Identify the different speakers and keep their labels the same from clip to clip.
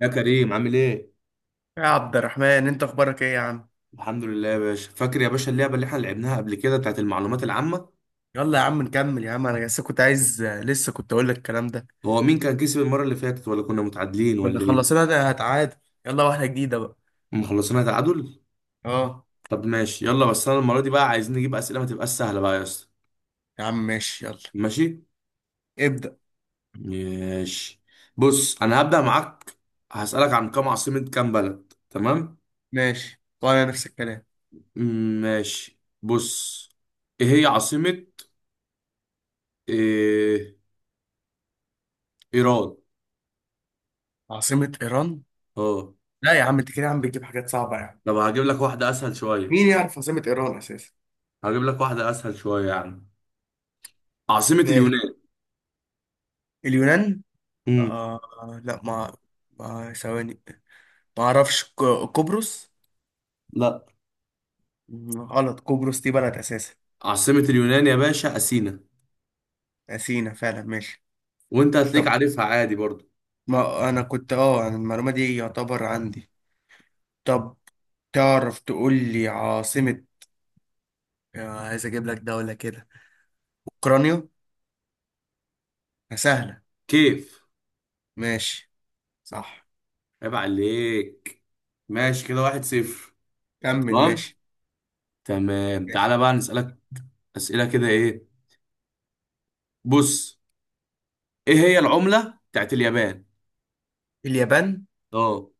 Speaker 1: يا كريم، عامل ايه؟
Speaker 2: يا عبد الرحمن، انت اخبارك ايه يا عم؟
Speaker 1: الحمد لله يا باشا. فاكر يا باشا اللعبة اللي احنا لعبناها قبل كده بتاعت المعلومات العامة.
Speaker 2: يلا يا عم نكمل يا عم. انا لسه كنت اقول لك الكلام ده.
Speaker 1: هو مين كان كسب المرة اللي فاتت ولا كنا متعادلين
Speaker 2: كنا
Speaker 1: ولا ايه؟
Speaker 2: خلصنا ده هتعادل. يلا واحده جديده بقى.
Speaker 1: مخلصينها تعادل؟
Speaker 2: اه.
Speaker 1: طب ماشي، يلا. بس انا المرة دي بقى عايزين نجيب أسئلة ما تبقاش سهلة بقى يا اسطى.
Speaker 2: يا عم ماشي يلا.
Speaker 1: ماشي؟
Speaker 2: ابدأ.
Speaker 1: ماشي، بص انا هبدأ معاك. هسألك عن كام عاصمة، كام بلد، تمام؟
Speaker 2: ماشي وانا نفس الكلام.
Speaker 1: ماشي، بص. ايه هي عاصمة إيه... ايران؟
Speaker 2: عاصمة ايران؟
Speaker 1: اه.
Speaker 2: لا يا عم، انت كده يا عم بتجيب حاجات صعبة يا عم.
Speaker 1: طب هجيب لك واحدة أسهل
Speaker 2: مين
Speaker 1: شوية.
Speaker 2: يعرف عاصمة ايران اساسا؟
Speaker 1: هجيب لك واحدة أسهل شوية يعني. عاصمة
Speaker 2: ماشي.
Speaker 1: اليونان.
Speaker 2: اليونان.
Speaker 1: امم.
Speaker 2: آه، لا، ما ثواني، ما اعرفش. قبرص.
Speaker 1: لا.
Speaker 2: غلط، قبرص دي بلد اساسا.
Speaker 1: عاصمة اليونان يا باشا أثينا.
Speaker 2: سينا فعلا ماشي.
Speaker 1: وأنت هتلاقيك
Speaker 2: طب،
Speaker 1: عارفها عادي برضو.
Speaker 2: ما انا كنت، انا المعلومه دي يعتبر عندي. طب تعرف تقول لي عاصمه، عايز اجيب لك دوله كده؟ اوكرانيا. سهله.
Speaker 1: كيف.
Speaker 2: ماشي. صح.
Speaker 1: عيب عليك. ماشي كده 1-0.
Speaker 2: كمل
Speaker 1: تمام.
Speaker 2: ماشي.
Speaker 1: تمام،
Speaker 2: ماشي.
Speaker 1: تعالى بقى نسألك أسئلة كده. إيه. بص. إيه هي العملة بتاعت اليابان؟
Speaker 2: اليابان؟
Speaker 1: أه.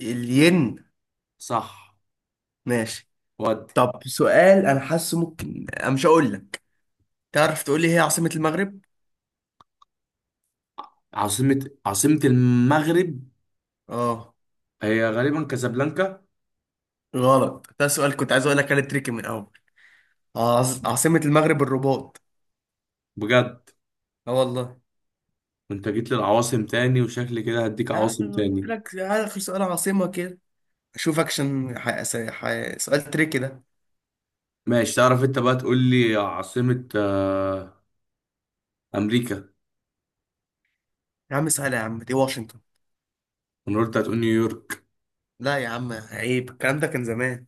Speaker 2: الين.
Speaker 1: صح.
Speaker 2: ماشي.
Speaker 1: ودي
Speaker 2: طب سؤال، انا حاسه ممكن انا مش هقول لك، تعرف تقول لي هي عاصمه المغرب؟
Speaker 1: عاصمة المغرب،
Speaker 2: اه.
Speaker 1: هي غالبا كازابلانكا.
Speaker 2: غلط، ده سؤال كنت عايز اقول لك انا تريكي من الاول. عاصمه المغرب الرباط.
Speaker 1: بجد.
Speaker 2: اه والله.
Speaker 1: أنت جيت للعواصم تاني، وشكلي كده هديك
Speaker 2: لا
Speaker 1: عواصم
Speaker 2: انا قلت
Speaker 1: تاني.
Speaker 2: لك اخر سؤال عاصمه كده. اشوف اكشن. سؤال تريكي ده.
Speaker 1: ماشي، تعرف أنت بقى تقول لي عاصمة امريكا؟
Speaker 2: يا عم سهل يا عم، دي واشنطن.
Speaker 1: انا قلت هتقول نيويورك.
Speaker 2: لا يا عم عيب، الكلام ده كان زمان.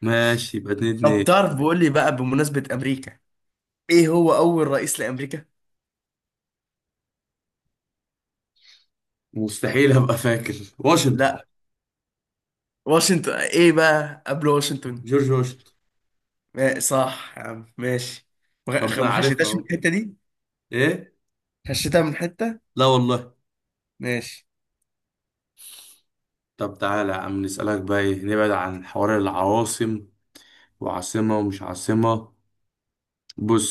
Speaker 1: ماشي، يبقى اتنين
Speaker 2: طب
Speaker 1: اتنين
Speaker 2: تعرف بقول لي بقى، بمناسبة امريكا، ايه هو اول رئيس لامريكا؟
Speaker 1: مستحيل ابقى فاكر واشنطن.
Speaker 2: لا. واشنطن ايه بقى، قبل واشنطن؟
Speaker 1: جورج واشنطن.
Speaker 2: صح يا عم ماشي.
Speaker 1: طب ما انا
Speaker 2: ما
Speaker 1: عارفها
Speaker 2: خشيتهاش من
Speaker 1: اهو.
Speaker 2: الحتة دي.
Speaker 1: ايه.
Speaker 2: خشيتها من حتة.
Speaker 1: لا والله.
Speaker 2: ماشي.
Speaker 1: طب تعالى يا عم نسألك بقى ايه، نبعد عن حوار العواصم وعاصمة ومش عاصمة. بص.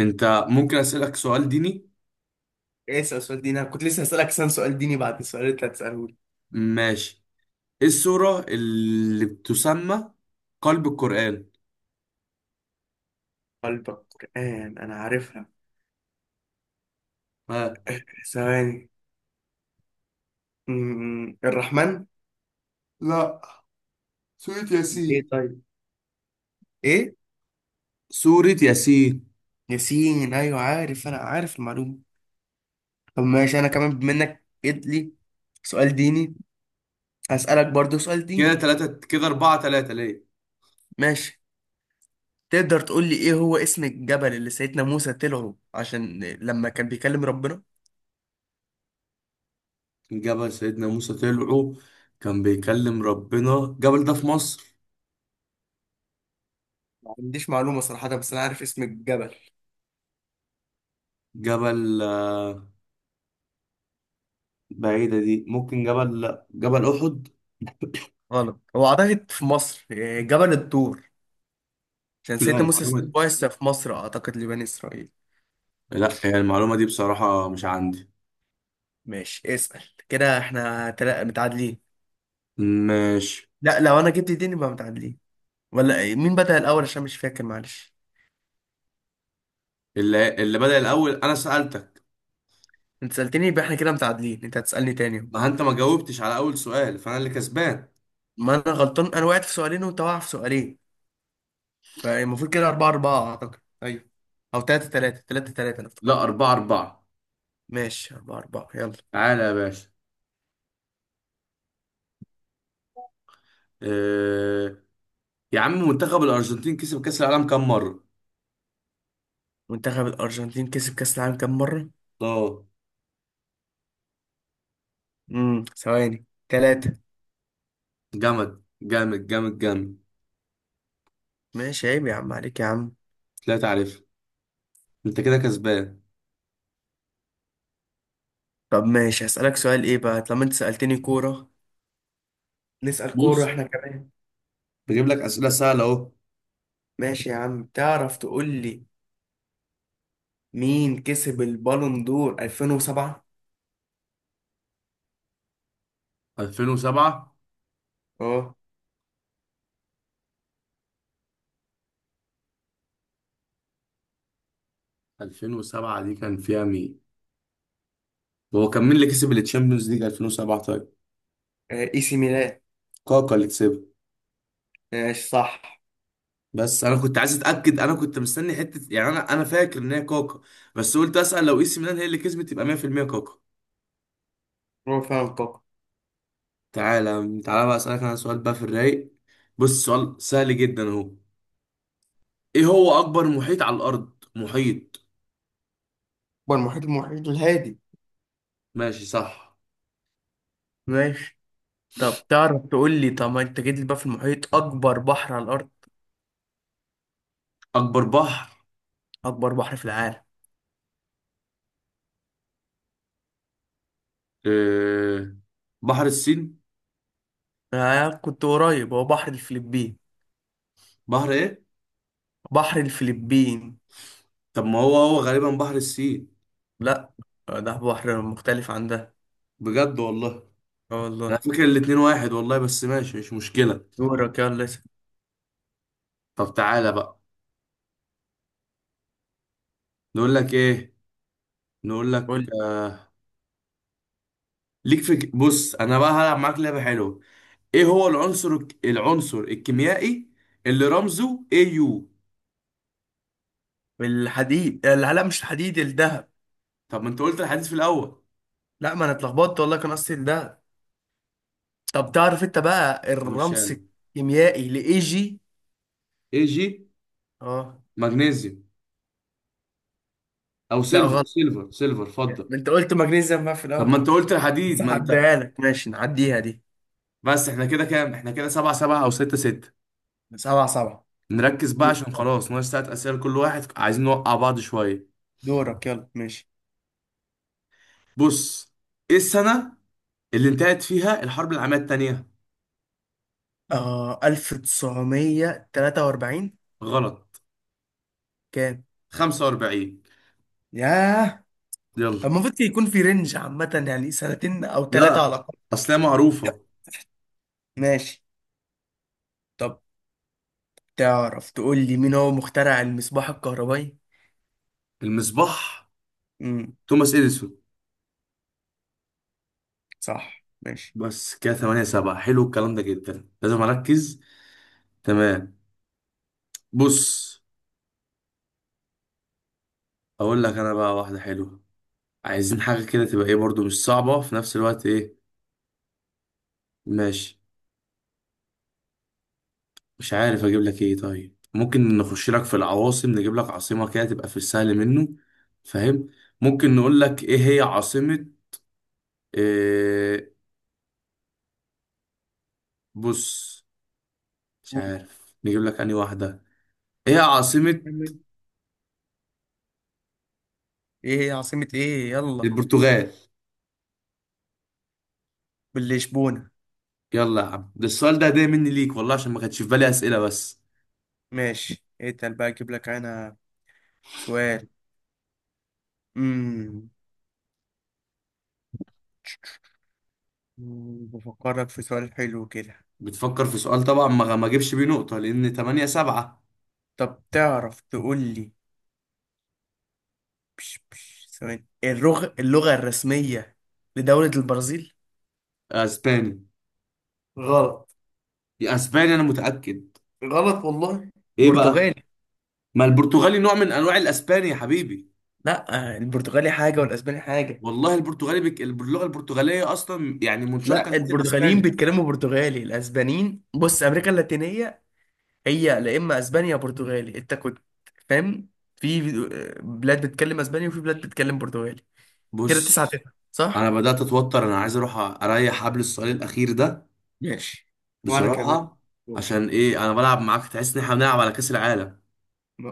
Speaker 1: انت، ممكن اسألك سؤال ديني؟
Speaker 2: إيه، اسأل سؤال ديني. انا كنت لسه هسألك سؤال ديني بعد السؤال اللي انت هتسأله لي.
Speaker 1: ماشي. ايه السورة اللي بتسمى قلب القرآن؟
Speaker 2: قلبك قرآن انا عارفها.
Speaker 1: ها.
Speaker 2: ثواني. الرحمن.
Speaker 1: لا. سورة
Speaker 2: ايه
Speaker 1: ياسين.
Speaker 2: طيب، ايه.
Speaker 1: سورة ياسين.
Speaker 2: ياسين ايوه، عارف، انا عارف المعلومه. طب ماشي، انا كمان بما انك جيت لي سؤال ديني، هسألك برضو سؤال
Speaker 1: كده
Speaker 2: ديني.
Speaker 1: تلاتة، كده أربعة تلاتة ليه.
Speaker 2: ماشي. تقدر تقول لي ايه هو اسم الجبل اللي سيدنا موسى طلعه عشان لما كان بيكلم ربنا؟
Speaker 1: جبل سيدنا موسى طلعه كان بيكلم ربنا، الجبل ده في مصر.
Speaker 2: ما عنديش معلومه صراحه، بس انا عارف اسم الجبل.
Speaker 1: جبل بعيدة دي، ممكن جبل، لا، جبل أحد.
Speaker 2: غلط، هو اعتقد في مصر، جبل الطور. عشان
Speaker 1: لا
Speaker 2: سيدنا
Speaker 1: المعلومة
Speaker 2: موسى
Speaker 1: دي،
Speaker 2: بعث في مصر اعتقد لبني اسرائيل.
Speaker 1: لا يعني المعلومة دي بصراحة مش عندي.
Speaker 2: ماشي اسأل. كده احنا متعادلين.
Speaker 1: ماشي.
Speaker 2: لا، لو انا جبت ديني يبقى متعادلين ولا إيه؟ مين بدأ الاول عشان مش فاكر معلش؟
Speaker 1: اللي بدأ الأول أنا سألتك.
Speaker 2: انت سألتني يبقى احنا كده متعادلين، انت هتسألني تاني.
Speaker 1: ما أنت ما جاوبتش على أول سؤال، فأنا اللي كسبان.
Speaker 2: ما انا غلطان، انا وقعت في سؤالين وانت واقع في سؤالين، فالمفروض كده أربعة أربعة أعتقد، أيوه. أو تلاتة تلاتة أنا
Speaker 1: لا،
Speaker 2: افتكرت.
Speaker 1: 4-4.
Speaker 2: ماشي أربعة أربعة يلا.
Speaker 1: تعالى يا باشا. أه... يا عم، منتخب الأرجنتين كسب كأس العالم كام مرة؟
Speaker 2: منتخب الأرجنتين كسب كأس العالم كام مرة؟
Speaker 1: اه.
Speaker 2: ثواني، تلاتة.
Speaker 1: جامد. جامد جامد جامد.
Speaker 2: ماشي عيب يا عم عليك يا عم.
Speaker 1: لا تعرف، أنت كده كسبان.
Speaker 2: طب ماشي، هسألك سؤال إيه بقى؟ طالما أنت سألتني كورة نسأل كورة
Speaker 1: بص،
Speaker 2: احنا كمان.
Speaker 1: بجيب لك اسئله سهله اهو.
Speaker 2: ماشي يا عم، تعرف تقول لي مين كسب البالون دور 2007؟
Speaker 1: 2007؟
Speaker 2: اه.
Speaker 1: 2007 دي كان فيها مين، هو كان مين اللي كسب التشامبيونز ليج 2007؟ طيب.
Speaker 2: اي سي ميلان.
Speaker 1: كاكا اللي كسبها.
Speaker 2: ماشي صح.
Speaker 1: بس انا كنت عايز اتاكد، انا كنت مستني حته يعني، انا فاكر ان هي كاكا. بس قلت اسال، لو اي سي ميلان هي اللي كسبت يبقى 100% كاكا.
Speaker 2: هو فعلا الكوكب.
Speaker 1: تعالى تعالى بقى اسالك انا سؤال بقى في الرايق. بص، سؤال سهل جدا اهو. ايه هو اكبر محيط على الارض، محيط؟
Speaker 2: هو المحيط، المحيط الهادي.
Speaker 1: ماشي صح.
Speaker 2: ماشي. طب تعرف تقول لي، طب ما انت جيت لي بقى في المحيط، اكبر بحر على الارض،
Speaker 1: اكبر بحر.
Speaker 2: اكبر بحر في العالم؟
Speaker 1: إيه... بحر الصين.
Speaker 2: كنت قريب، هو بحر الفلبين.
Speaker 1: بحر ايه؟
Speaker 2: بحر الفلبين.
Speaker 1: طب ما هو غالبا بحر السين.
Speaker 2: لا، ده بحر مختلف عن ده.
Speaker 1: بجد والله.
Speaker 2: اه
Speaker 1: انا
Speaker 2: والله.
Speaker 1: فاكر الاتنين واحد والله، بس ماشي مش مشكلة.
Speaker 2: دورك يلا اسأل.
Speaker 1: طب تعالى بقى، نقول لك ايه، نقول لك
Speaker 2: قول
Speaker 1: آه... ليك بص، انا بقى هلعب معاك لعبة حلوة. ايه هو العنصر الكيميائي اللي رمزه اي يو؟
Speaker 2: لي الحديد، لا لا، مش الحديد الذهب.
Speaker 1: طب ما انت قلت الحديث في الاول.
Speaker 2: لا ما انا اتلخبطت والله، كان قصدي الذهب. طب تعرف انت بقى
Speaker 1: همشيها
Speaker 2: الرمز
Speaker 1: لك.
Speaker 2: الكيميائي لايجي؟
Speaker 1: اي جي.
Speaker 2: اه.
Speaker 1: مغنيسيوم. او
Speaker 2: لا
Speaker 1: سيلفر،
Speaker 2: غلط.
Speaker 1: سيلفر سيلفر، اتفضل.
Speaker 2: ما انت قلت مغنيسيوم بقى في
Speaker 1: طب
Speaker 2: الاول.
Speaker 1: ما انت قلت
Speaker 2: بس
Speaker 1: الحديد، ما انت.
Speaker 2: عديها لك، ماشي نعديها دي.
Speaker 1: بس احنا كده كام، احنا كده 7-7 او 6-6.
Speaker 2: سبعة سبعة.
Speaker 1: نركز بقى
Speaker 2: دورك
Speaker 1: عشان
Speaker 2: يلا.
Speaker 1: خلاص ناقص تلات أسئلة لكل واحد، عايزين نوقع بعض شوية.
Speaker 2: دورك يلا ماشي.
Speaker 1: بص. إيه السنة اللي انتهت فيها الحرب العالمية التانية؟
Speaker 2: 1943.
Speaker 1: غلط.
Speaker 2: كام؟
Speaker 1: 45.
Speaker 2: ياه.
Speaker 1: يلا.
Speaker 2: المفروض يكون في رينج عامة، يعني سنتين أو ثلاثة على
Speaker 1: لا،
Speaker 2: الأقل.
Speaker 1: أصل هي معروفة.
Speaker 2: ماشي. طب تعرف تقول لي مين هو مخترع المصباح الكهربائي؟
Speaker 1: المصباح.
Speaker 2: امم.
Speaker 1: توماس إديسون.
Speaker 2: صح ماشي.
Speaker 1: بس كده 8-7، حلو الكلام ده جدا، لازم أركز. تمام. بص. أقول لك أنا بقى واحدة حلوة. عايزين حاجة كده تبقى إيه برضو، مش صعبة في نفس الوقت. إيه. ماشي. مش عارف اجيب لك ايه، طيب ممكن نخش لك في العواصم، نجيب لك عاصمة كده تبقى في السهل منه. فاهم. ممكن نقول لك ايه هي عاصمة. إيه. بص. مش
Speaker 2: قول.
Speaker 1: عارف نجيب لك انهي واحدة. ايه هي عاصمة
Speaker 2: كمل. إيه هي عاصمة إيه؟ يلا.
Speaker 1: البرتغال؟
Speaker 2: باللشبونة.
Speaker 1: يلا يا عم، ده السؤال ده هدية مني ليك والله، عشان ما كانش في بالي اسئلة بس.
Speaker 2: ماشي اتقل بقى، اجيب لك انا سؤال. امم بفكرك في سؤال حلو كده.
Speaker 1: بتفكر في سؤال، طبعا ما اجيبش بيه نقطة لان 8-7.
Speaker 2: طب تعرف تقول لي، بش بش ثواني، اللغة الرسمية لدولة البرازيل؟
Speaker 1: اسباني.
Speaker 2: غلط.
Speaker 1: يا اسباني انا متأكد.
Speaker 2: غلط والله.
Speaker 1: ايه بقى.
Speaker 2: برتغالي.
Speaker 1: ما البرتغالي نوع من انواع الاسباني يا حبيبي.
Speaker 2: لا، البرتغالي حاجة والأسباني حاجة.
Speaker 1: والله البرتغالي اللغه البرتغاليه اصلا يعني منشقه من
Speaker 2: لا البرتغاليين
Speaker 1: الاسباني.
Speaker 2: بيتكلموا برتغالي، الأسبانيين. بص، أمريكا اللاتينية هي لا، إما أسبانيا يا برتغالي، أنت كنت فاهم. في بلاد بتتكلم أسباني وفي بلاد بتتكلم برتغالي. كده تسعة
Speaker 1: بص،
Speaker 2: تسعة
Speaker 1: انا
Speaker 2: صح؟
Speaker 1: بدات اتوتر، انا عايز اروح اريح حبل السؤال الاخير ده.
Speaker 2: ماشي. وأنا كمان.
Speaker 1: بصراحه.
Speaker 2: دور.
Speaker 1: عشان ايه انا بلعب معاك، تحس ان احنا بنلعب على كاس العالم.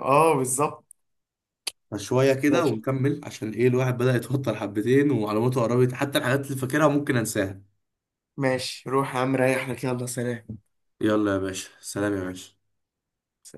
Speaker 2: اه بالظبط.
Speaker 1: فشويه كده
Speaker 2: ماشي
Speaker 1: ونكمل، عشان ايه الواحد بدا يتوتر حبتين ومعلوماته قربت، حتى الحاجات اللي فاكرها ممكن انساها.
Speaker 2: ماشي روح يا عم ريح لك، يلا سلام.
Speaker 1: يلا يا باشا، سلام يا باشا.